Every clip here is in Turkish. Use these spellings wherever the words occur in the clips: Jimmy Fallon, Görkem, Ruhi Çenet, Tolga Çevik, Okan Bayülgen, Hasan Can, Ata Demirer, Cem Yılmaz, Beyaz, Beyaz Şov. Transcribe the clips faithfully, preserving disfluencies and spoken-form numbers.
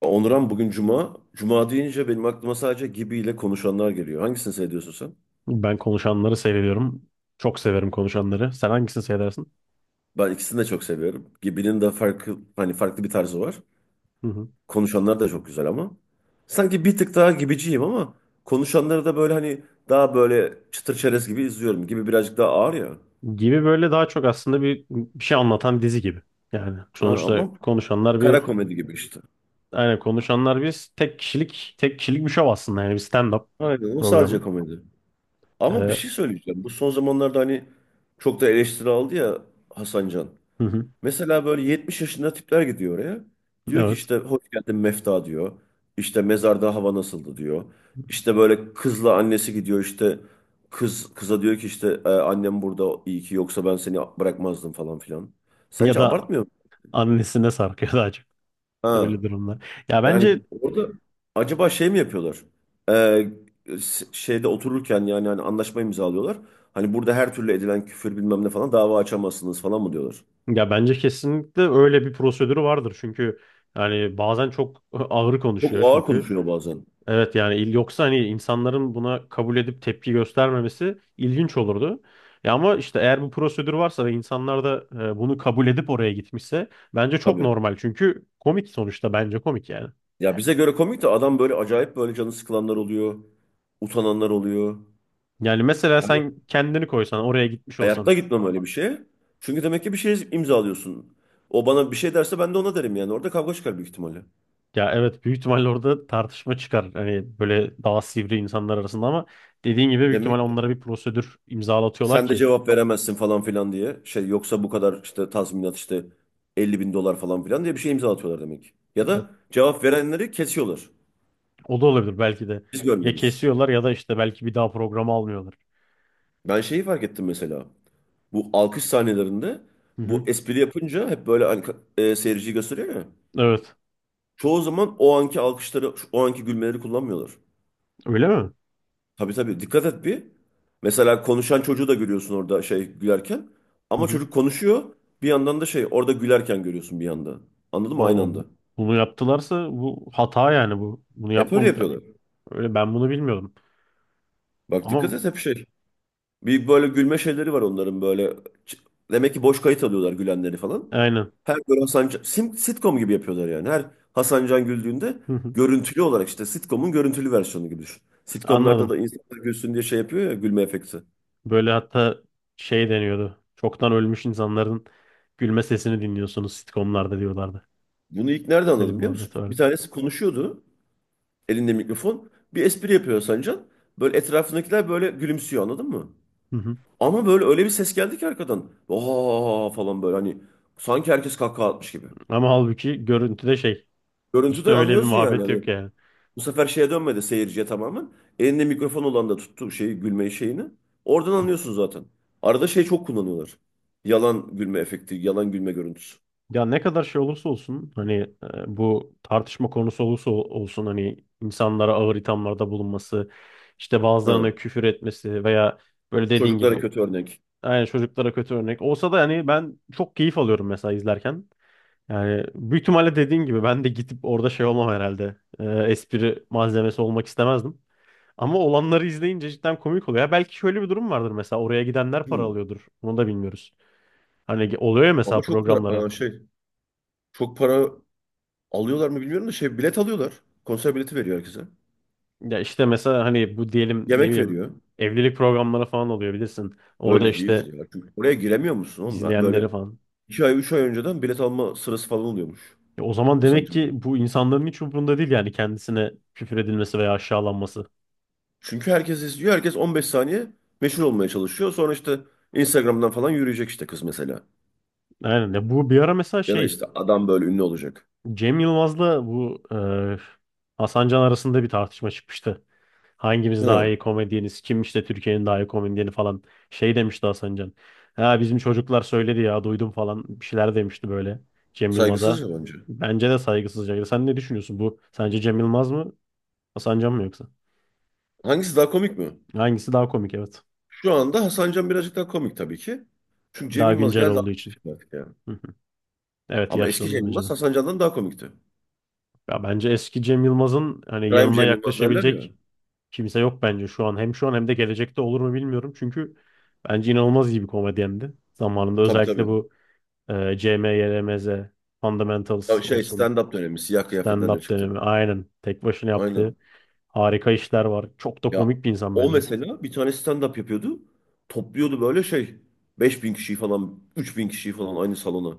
Onuran bugün Cuma. Cuma deyince benim aklıma sadece Gibi ile konuşanlar geliyor. Hangisini seviyorsun sen? Ben konuşanları seviyorum. Çok severim konuşanları. Sen hangisini seversin? Ben ikisini de çok seviyorum. Gibi'nin de farklı hani farklı bir tarzı var. Hı hı. Konuşanlar da çok güzel ama. Sanki bir tık daha gibiciyim ama konuşanları da böyle hani daha böyle çıtır çerez gibi izliyorum. Gibi birazcık daha ağır ya. Gibi böyle daha çok aslında bir, bir şey anlatan bir dizi gibi. Yani Ha, sonuçta ama konuşanlar kara bir komedi gibi işte. yani konuşanlar bir tek kişilik tek kişilik bir şov aslında yani bir stand-up Aynen, o sadece programı. komedi. Ee, Ama bir Hı şey söyleyeceğim. Bu son zamanlarda hani çok da eleştiri aldı ya Hasan Can. hı. Mesela böyle yetmiş yaşında tipler gidiyor oraya. Diyor ki Evet. işte "hoş geldin Mefta" diyor. İşte "mezarda hava nasıldı" diyor. İşte böyle kızla annesi gidiyor, işte kız kıza diyor ki işte "E, "annem burada, iyi ki, yoksa ben seni bırakmazdım falan filan." Ya Sence da abartmıyor mu? annesine sarkıyor daha çok. Ha. Öyle durumlar. Ya Yani bence orada acaba şey mi yapıyorlar? E, s- şeyde otururken yani hani anlaşma imzalıyorlar. Hani "burada her türlü edilen küfür bilmem ne falan dava açamazsınız" falan mı diyorlar? ya bence kesinlikle öyle bir prosedürü vardır. Çünkü yani bazen çok ağır Çok konuşuyor ağır çünkü. konuşuyor bazen. Evet yani il yoksa hani insanların buna kabul edip tepki göstermemesi ilginç olurdu. Ya ama işte eğer bu prosedür varsa ve insanlar da e, bunu kabul edip oraya gitmişse bence çok Tabii. normal. Çünkü komik sonuçta bence komik yani. Ya bize göre komik de adam, böyle acayip, böyle canı sıkılanlar oluyor. Utananlar oluyor. Yani mesela Yani sen kendini koysan oraya gitmiş hayatta olsan gitmem öyle bir şeye. Çünkü demek ki bir şey imzalıyorsun. O bana bir şey derse ben de ona derim yani. Orada kavga çıkar büyük ihtimalle. ya evet büyük ihtimalle orada tartışma çıkar. Hani böyle daha sivri insanlar arasında ama dediğin gibi büyük ihtimalle Demek ki onlara bir prosedür imzalatıyorlar sen de ki cevap veremezsin falan filan diye. Şey, yoksa bu kadar işte tazminat, işte elli bin dolar falan filan diye bir şey imza atıyorlar demek ki. Ya ya, da cevap verenleri kesiyorlar. o da olabilir belki de. Biz Ya görmüyoruz. kesiyorlar ya da işte belki bir daha programı almıyorlar. Ben şeyi fark ettim mesela. Bu alkış sahnelerinde, Hı bu hı. espri yapınca hep böyle hani, e, seyirciyi gösteriyor ya, Evet. çoğu zaman o anki alkışları, o anki gülmeleri kullanmıyorlar. Öyle mi? Tabii tabii, dikkat et bir. Mesela konuşan çocuğu da görüyorsun orada şey gülerken. Hı Ama hı. çocuk konuşuyor. Bir yandan da şey, orada gülerken görüyorsun bir yanda. Anladın mı? Aynı Oo, anda. bu- bunu yaptılarsa bu hata yani bu. Bunu Hep öyle yapmam yapıyorlar. öyle, ben bunu bilmiyordum. Bak dikkat Ama et, hep şey. Bir böyle gülme şeyleri var onların böyle. Ç- Demek ki boş kayıt alıyorlar gülenleri falan. aynen. Her böyle Hasan Can- sim- sitcom gibi yapıyorlar yani. Her Hasan Can güldüğünde Hı hı. görüntülü olarak, işte sitcom'un görüntülü versiyonu gibi düşün. Sitcomlarda da Anladım. insanlar gülsün diye şey yapıyor ya, gülme efekti. Böyle hatta şey deniyordu. Çoktan ölmüş insanların gülme sesini dinliyorsunuz sitcomlarda diyorlardı. Bunu ilk nerede Böyle bir anladım biliyor musun? muhabbet var. Bir tanesi konuşuyordu elinde mikrofon. Bir espri yapıyor Sancan. Böyle etrafındakiler böyle gülümsüyor, anladın mı? Hı hı. Ama böyle öyle bir ses geldi ki arkadan. Oha falan, böyle hani sanki herkes kahkaha atmış gibi. Ama halbuki görüntüde şey, işte Görüntüde öyle bir anlıyorsun yani. muhabbet Hani yok yani. bu sefer şeye dönmedi, seyirciye tamamen. Elinde mikrofon olan da tuttu şeyi, gülmeyi şeyini. Oradan anlıyorsun zaten. Arada şey çok kullanıyorlar. Yalan gülme efekti, yalan gülme görüntüsü. Ya ne kadar şey olursa olsun hani e, bu tartışma konusu olursa ol- olsun, hani insanlara ağır ithamlarda bulunması, işte bazılarına Ha. küfür etmesi veya böyle dediğin Çocuklara gibi kötü örnek. yani çocuklara kötü örnek olsa da hani ben çok keyif alıyorum mesela izlerken. Yani büyük ihtimalle dediğin gibi ben de gidip orada şey olmam herhalde. E, espri malzemesi olmak istemezdim. Ama olanları izleyince cidden komik oluyor. Ya belki şöyle bir durum vardır, mesela oraya gidenler para Hmm. alıyordur. Onu da bilmiyoruz. Hani oluyor ya, mesela Ama çok para, programlara. aa, şey çok para alıyorlar mı bilmiyorum da, şey, bilet alıyorlar. Konser bileti veriyor herkese. Ya işte mesela hani bu, diyelim ne Yemek bileyim veriyor. evlilik programları falan oluyor bilirsin. Orada Öyle işte değildir ya. Çünkü oraya giremiyor musun oğlum? Ha, Böyle izleyenleri falan. iki ay, üç ay önceden bilet alma sırası falan oluyormuş. Ya o zaman demek Hasancı'da. ki bu insanların hiç umurunda değil yani, kendisine küfür edilmesi veya aşağılanması. Çünkü herkes izliyor. Herkes on beş saniye meşhur olmaya çalışıyor. Sonra işte Instagram'dan falan yürüyecek işte, kız mesela. Aynen. Ya bu bir ara mesela Ya da şey, işte adam böyle ünlü olacak. Cem Yılmaz'la bu e, Hasan Can arasında bir tartışma çıkmıştı. Hangimiz daha iyi Hı, komedyeniz? Kim işte Türkiye'nin daha iyi komedyeni falan. Şey demişti Hasan Can. Ha bizim çocuklar söyledi ya, duydum falan bir şeyler demişti böyle Cem Yılmaz'a. saygısızca bence. Bence de saygısızca. Sen ne düşünüyorsun bu? Sence Cem Yılmaz mı? Hasan Can mı yoksa? Hangisi daha komik mi? Hangisi daha komik, evet. Şu anda Hasan Can birazcık daha komik tabii ki. Çünkü Cem Daha Yılmaz güncel geldi olduğu altmış için. yaşında artık ya. Hı hı. Evet, Ama eski Cem yaşlandı bence Yılmaz de. Hasan Can'dan daha komikti. Ya bence eski Cem Yılmaz'ın hani Prime yanına Cem Yılmaz derler ya. yaklaşabilecek kimse yok bence şu an. Hem şu an hem de gelecekte olur mu bilmiyorum. Çünkü bence inanılmaz iyi bir komedyendi. Zamanında Tabii özellikle tabii. bu Ee, C M, Y L M Z, Fundamentals Tabii şey, olsun. stand-up dönemi siyah kıyafetlerle Stand-up çıktı. dönemi. Aynen. Tek başına yaptığı Aynen. harika işler var. Çok da Ya komik bir insan o bence. mesela bir tane stand-up yapıyordu. Topluyordu böyle şey, beş bin kişiyi falan, üç bin kişiyi falan aynı salona.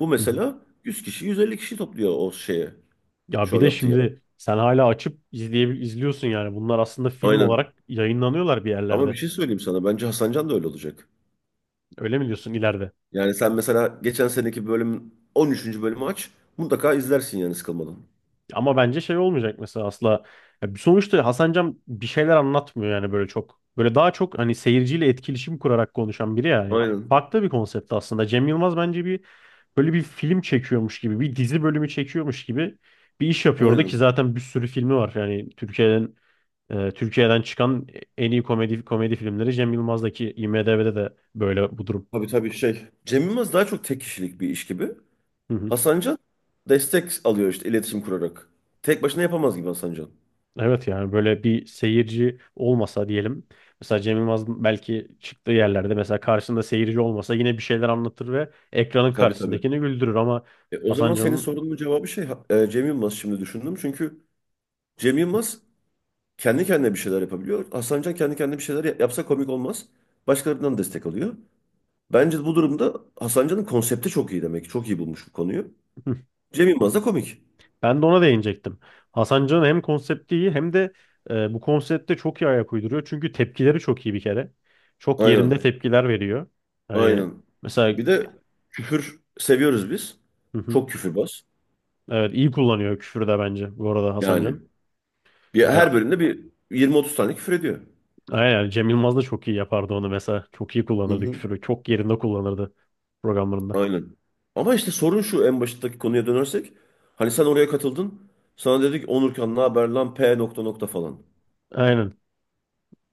Bu Hı hı. mesela yüz kişi, yüz elli kişi topluyor o şeye. Ya bir Şov de yaptığı yer. şimdi sen hala açıp izleyebil izliyorsun yani. Bunlar aslında film Aynen. olarak yayınlanıyorlar bir Ama bir yerlerde. şey söyleyeyim sana. Bence Hasan Can da öyle olacak. Öyle mi diyorsun, ileride? Yani sen mesela geçen seneki bölümün on üçüncü bölümü aç. Mutlaka izlersin yani, sıkılmadan. Ama bence şey olmayacak mesela asla. Ya sonuçta Hasan Can bir şeyler anlatmıyor yani böyle çok. Böyle daha çok hani seyirciyle etkileşim kurarak konuşan biri yani. Aynen. Farklı bir konsept aslında. Cem Yılmaz bence bir, böyle bir film çekiyormuş gibi, bir dizi bölümü çekiyormuş gibi bir iş yapıyor orada ki Aynen. zaten bir sürü filmi var. Yani Türkiye'den e, Türkiye'den çıkan en iyi komedi komedi filmleri Cem Yılmaz'daki, IMDb'de de böyle bu durum. Tabii tabii, şey. Cem Yılmaz daha çok tek kişilik bir iş gibi. Hasancan destek alıyor işte, iletişim kurarak. Tek başına yapamaz gibi Hasancan. Evet yani böyle bir seyirci olmasa diyelim. Mesela Cem Yılmaz belki çıktığı yerlerde, mesela karşısında seyirci olmasa yine bir şeyler anlatır ve ekranın Tabii tabii. karşısındakini güldürür ama E, o Hasan zaman senin Can'ın sorunun cevabı şey ha- e, Cem Yılmaz, şimdi düşündüm. Çünkü Cem Yılmaz kendi kendine bir şeyler yapabiliyor. Hasancan kendi kendine bir şeyler ya- yapsa komik olmaz. Başkalarından destek alıyor. Bence bu durumda Hasancan'ın konsepti çok iyi demek ki. Çok iyi bulmuş bu konuyu. Cem Yılmaz da komik. ben de ona değinecektim. Hasan Can'ın hem konsepti iyi hem de e, bu konsepte çok iyi ayak uyduruyor. Çünkü tepkileri çok iyi bir kere. Çok yerinde Aynen. tepkiler veriyor. Hani Aynen. mesela Bir de küfür seviyoruz biz. Çok küfürbaz. evet, iyi kullanıyor küfürü de bence bu arada Hasan Yani Can. bir, Yani her bölümde bir yirmi otuz tane küfür ediyor. aynen, yani Cem Yılmaz da çok iyi yapardı onu mesela. Çok iyi Hı kullanırdı hı. küfürü. Çok yerinde kullanırdı programlarında. Aynen. Ama işte sorun şu, en baştaki konuya dönersek. Hani sen oraya katıldın. Sana dedik "Onurkan ne haber lan, P nokta nokta" falan. Aynen.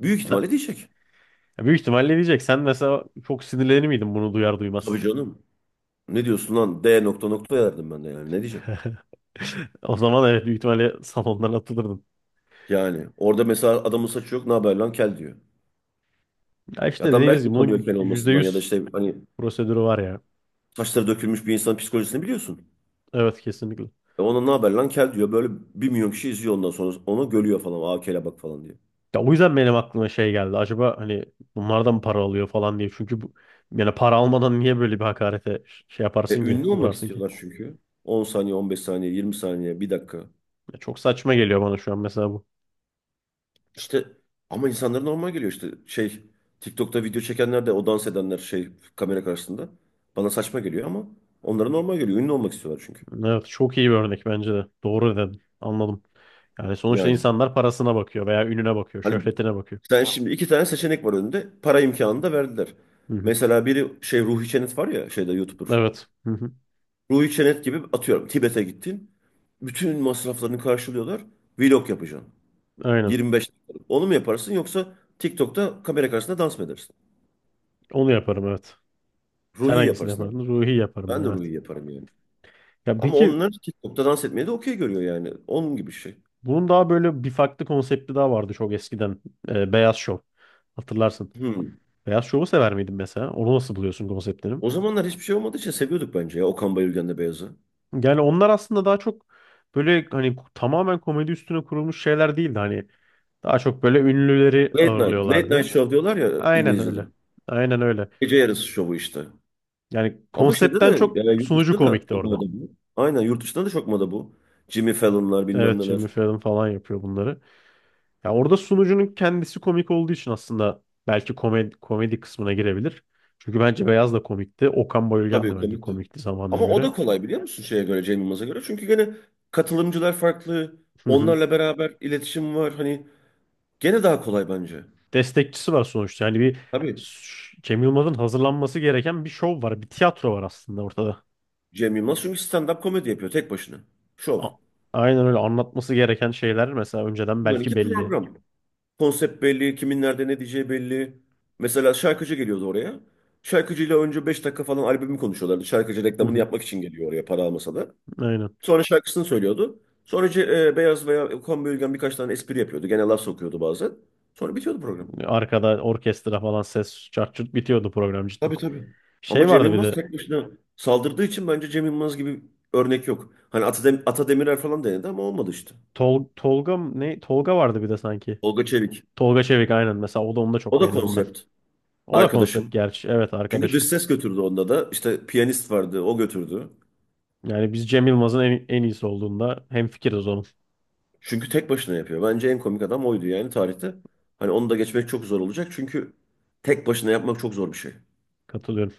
Büyük Sen, ihtimalle diyecek. ya büyük ihtimalle diyecek. Sen mesela çok sinirlenir miydin bunu duyar duymaz? Tabii canım. "Ne diyorsun lan D nokta nokta" derdim ben de yani, ne diyeceğim. O zaman evet, büyük ihtimalle salondan atılırdın. Yani orada mesela adamın saçı yok, "ne haber lan kel" diyor. Ya işte Adam dediğimiz belki gibi utanıyor bunun kel yüzde olmasından, ya da yüz işte hani prosedürü var ya. saçları dökülmüş bir insanın psikolojisini biliyorsun. Evet, kesinlikle. E ona "ne haber lan kel" diyor, böyle bir milyon kişi izliyor, ondan sonra onu görüyor falan, aa "kele bak" falan diye. Ya o yüzden benim aklıma şey geldi. Acaba hani bunlardan mı para alıyor falan diye. Çünkü bu, yani para almadan niye böyle bir hakarete ş- şey E, yaparsın ki, ünlü olmak uğrarsın ki? istiyorlar çünkü. on saniye, on beş saniye, yirmi saniye, bir dakika. Ya çok saçma geliyor bana şu an mesela. İşte, ama insanlara normal geliyor işte. Şey, TikTok'ta video çekenler de, o dans edenler şey, kamera karşısında. Bana saçma geliyor ama onlara normal geliyor. Ünlü olmak istiyorlar çünkü. Evet, çok iyi bir örnek bence de. Doğru dedin. Anladım. Yani sonuçta Yani insanlar parasına bakıyor veya ününe bakıyor, hani, şöhretine bakıyor. sen şimdi, iki tane seçenek var önünde. Para imkanını da verdiler. Hı hı. Mesela biri şey, Ruhi Çenet var ya şeyde, YouTuber. Evet. Hı hı. Ruhi Çenet gibi atıyorum Tibet'e gittin. Bütün masraflarını karşılıyorlar. Vlog yapacaksın. Aynen. yirmi beş dakikalık. Onu mu yaparsın, yoksa TikTok'ta kamera karşısında dans mı edersin? Onu yaparım evet. Sen Ruhi hangisini yaparsın herhalde. yapardın? Ruhi yaparım ben, Ben de evet. Ruhi yaparım yani. Ya Ama peki onlar TikTok'ta dans etmeyi de okey görüyor yani. Onun gibi bir şey. bunun daha böyle bir farklı konsepti daha vardı çok eskiden. Ee, Beyaz Şov. Hatırlarsın. Hmm. Beyaz Şov'u sever miydin mesela? Onu nasıl buluyorsun, konseptini? O zamanlar hiçbir şey olmadığı için seviyorduk bence ya, Okan Bayülgen'le Beyaz'ı. Yani onlar aslında daha çok böyle hani tamamen komedi üstüne kurulmuş şeyler değildi. Hani daha çok böyle ünlüleri Late night. Late night ağırlıyorlardı. show diyorlar ya Aynen İngilizce'de. öyle. Aynen öyle. Gece yarısı şovu işte. Yani Ama şeyde de konseptten çok yani, yurt sunucu dışında da komikti çok orada. moda bu. Aynen, yurt dışında da çok moda bu. Jimmy Fallon'lar bilmem Evet, neler. Jimmy Fallon falan yapıyor bunları. Ya orada sunucunun kendisi komik olduğu için aslında belki komedi, komedi kısmına girebilir. Çünkü bence Beyaz da komikti. Okan Bayülgen de Tabii bence komikti. komikti zamanına Ama o göre. da kolay biliyor musun şeye göre, Cem Yılmaz'a göre. Çünkü gene katılımcılar farklı. Hı hı. Onlarla beraber iletişim var. Hani gene daha kolay bence. Destekçisi var sonuçta. Yani bir Tabii, ş- Cem Yılmaz'ın hazırlanması gereken bir şov var. Bir tiyatro var aslında ortada. Cem Yılmaz çünkü stand-up komedi yapıyor tek başına. Şov. A- Aynen öyle, anlatması gereken şeyler mesela önceden belki Bunlarınki belli. program. Konsept belli, kimin nerede ne diyeceği belli. Mesela şarkıcı geliyordu oraya. Şarkıcıyla önce beş dakika falan albümü konuşuyorlardı. Şarkıcı Hı reklamını hı. yapmak için geliyor oraya, para almasa da. Aynen. Sonra şarkısını söylüyordu. Sonra ce- e, Beyaz veya Kombi Ülgen birkaç tane espri yapıyordu. Gene laf sokuyordu bazen. Sonra bitiyordu program. Arkada orkestra falan, ses, çart çurt, bitiyordu program cidden. Tabii tabii. Ama Şey Cem vardı bir Yılmaz de, tek başına saldırdığı için bence Cem Yılmaz gibi örnek yok. Hani Atadem Ata Demirer falan denedi ama olmadı işte. Tol Tolga mı- ne Tolga vardı bir de sanki. Tolga Çevik. Tolga Çevik, aynen, mesela o da, onu da çok O da beğenirdim ben. konsept. O da konsept Arkadaşım. gerçi, evet Çünkü dış arkadaşım. ses götürdü onda da. İşte piyanist vardı, o götürdü. Yani biz Cem Yılmaz'ın en, en iyisi olduğunda hemfikiriz onun. Çünkü tek başına yapıyor. Bence en komik adam oydu yani tarihte. Hani onu da geçmek çok zor olacak çünkü tek başına yapmak çok zor bir şey. Katılıyorum.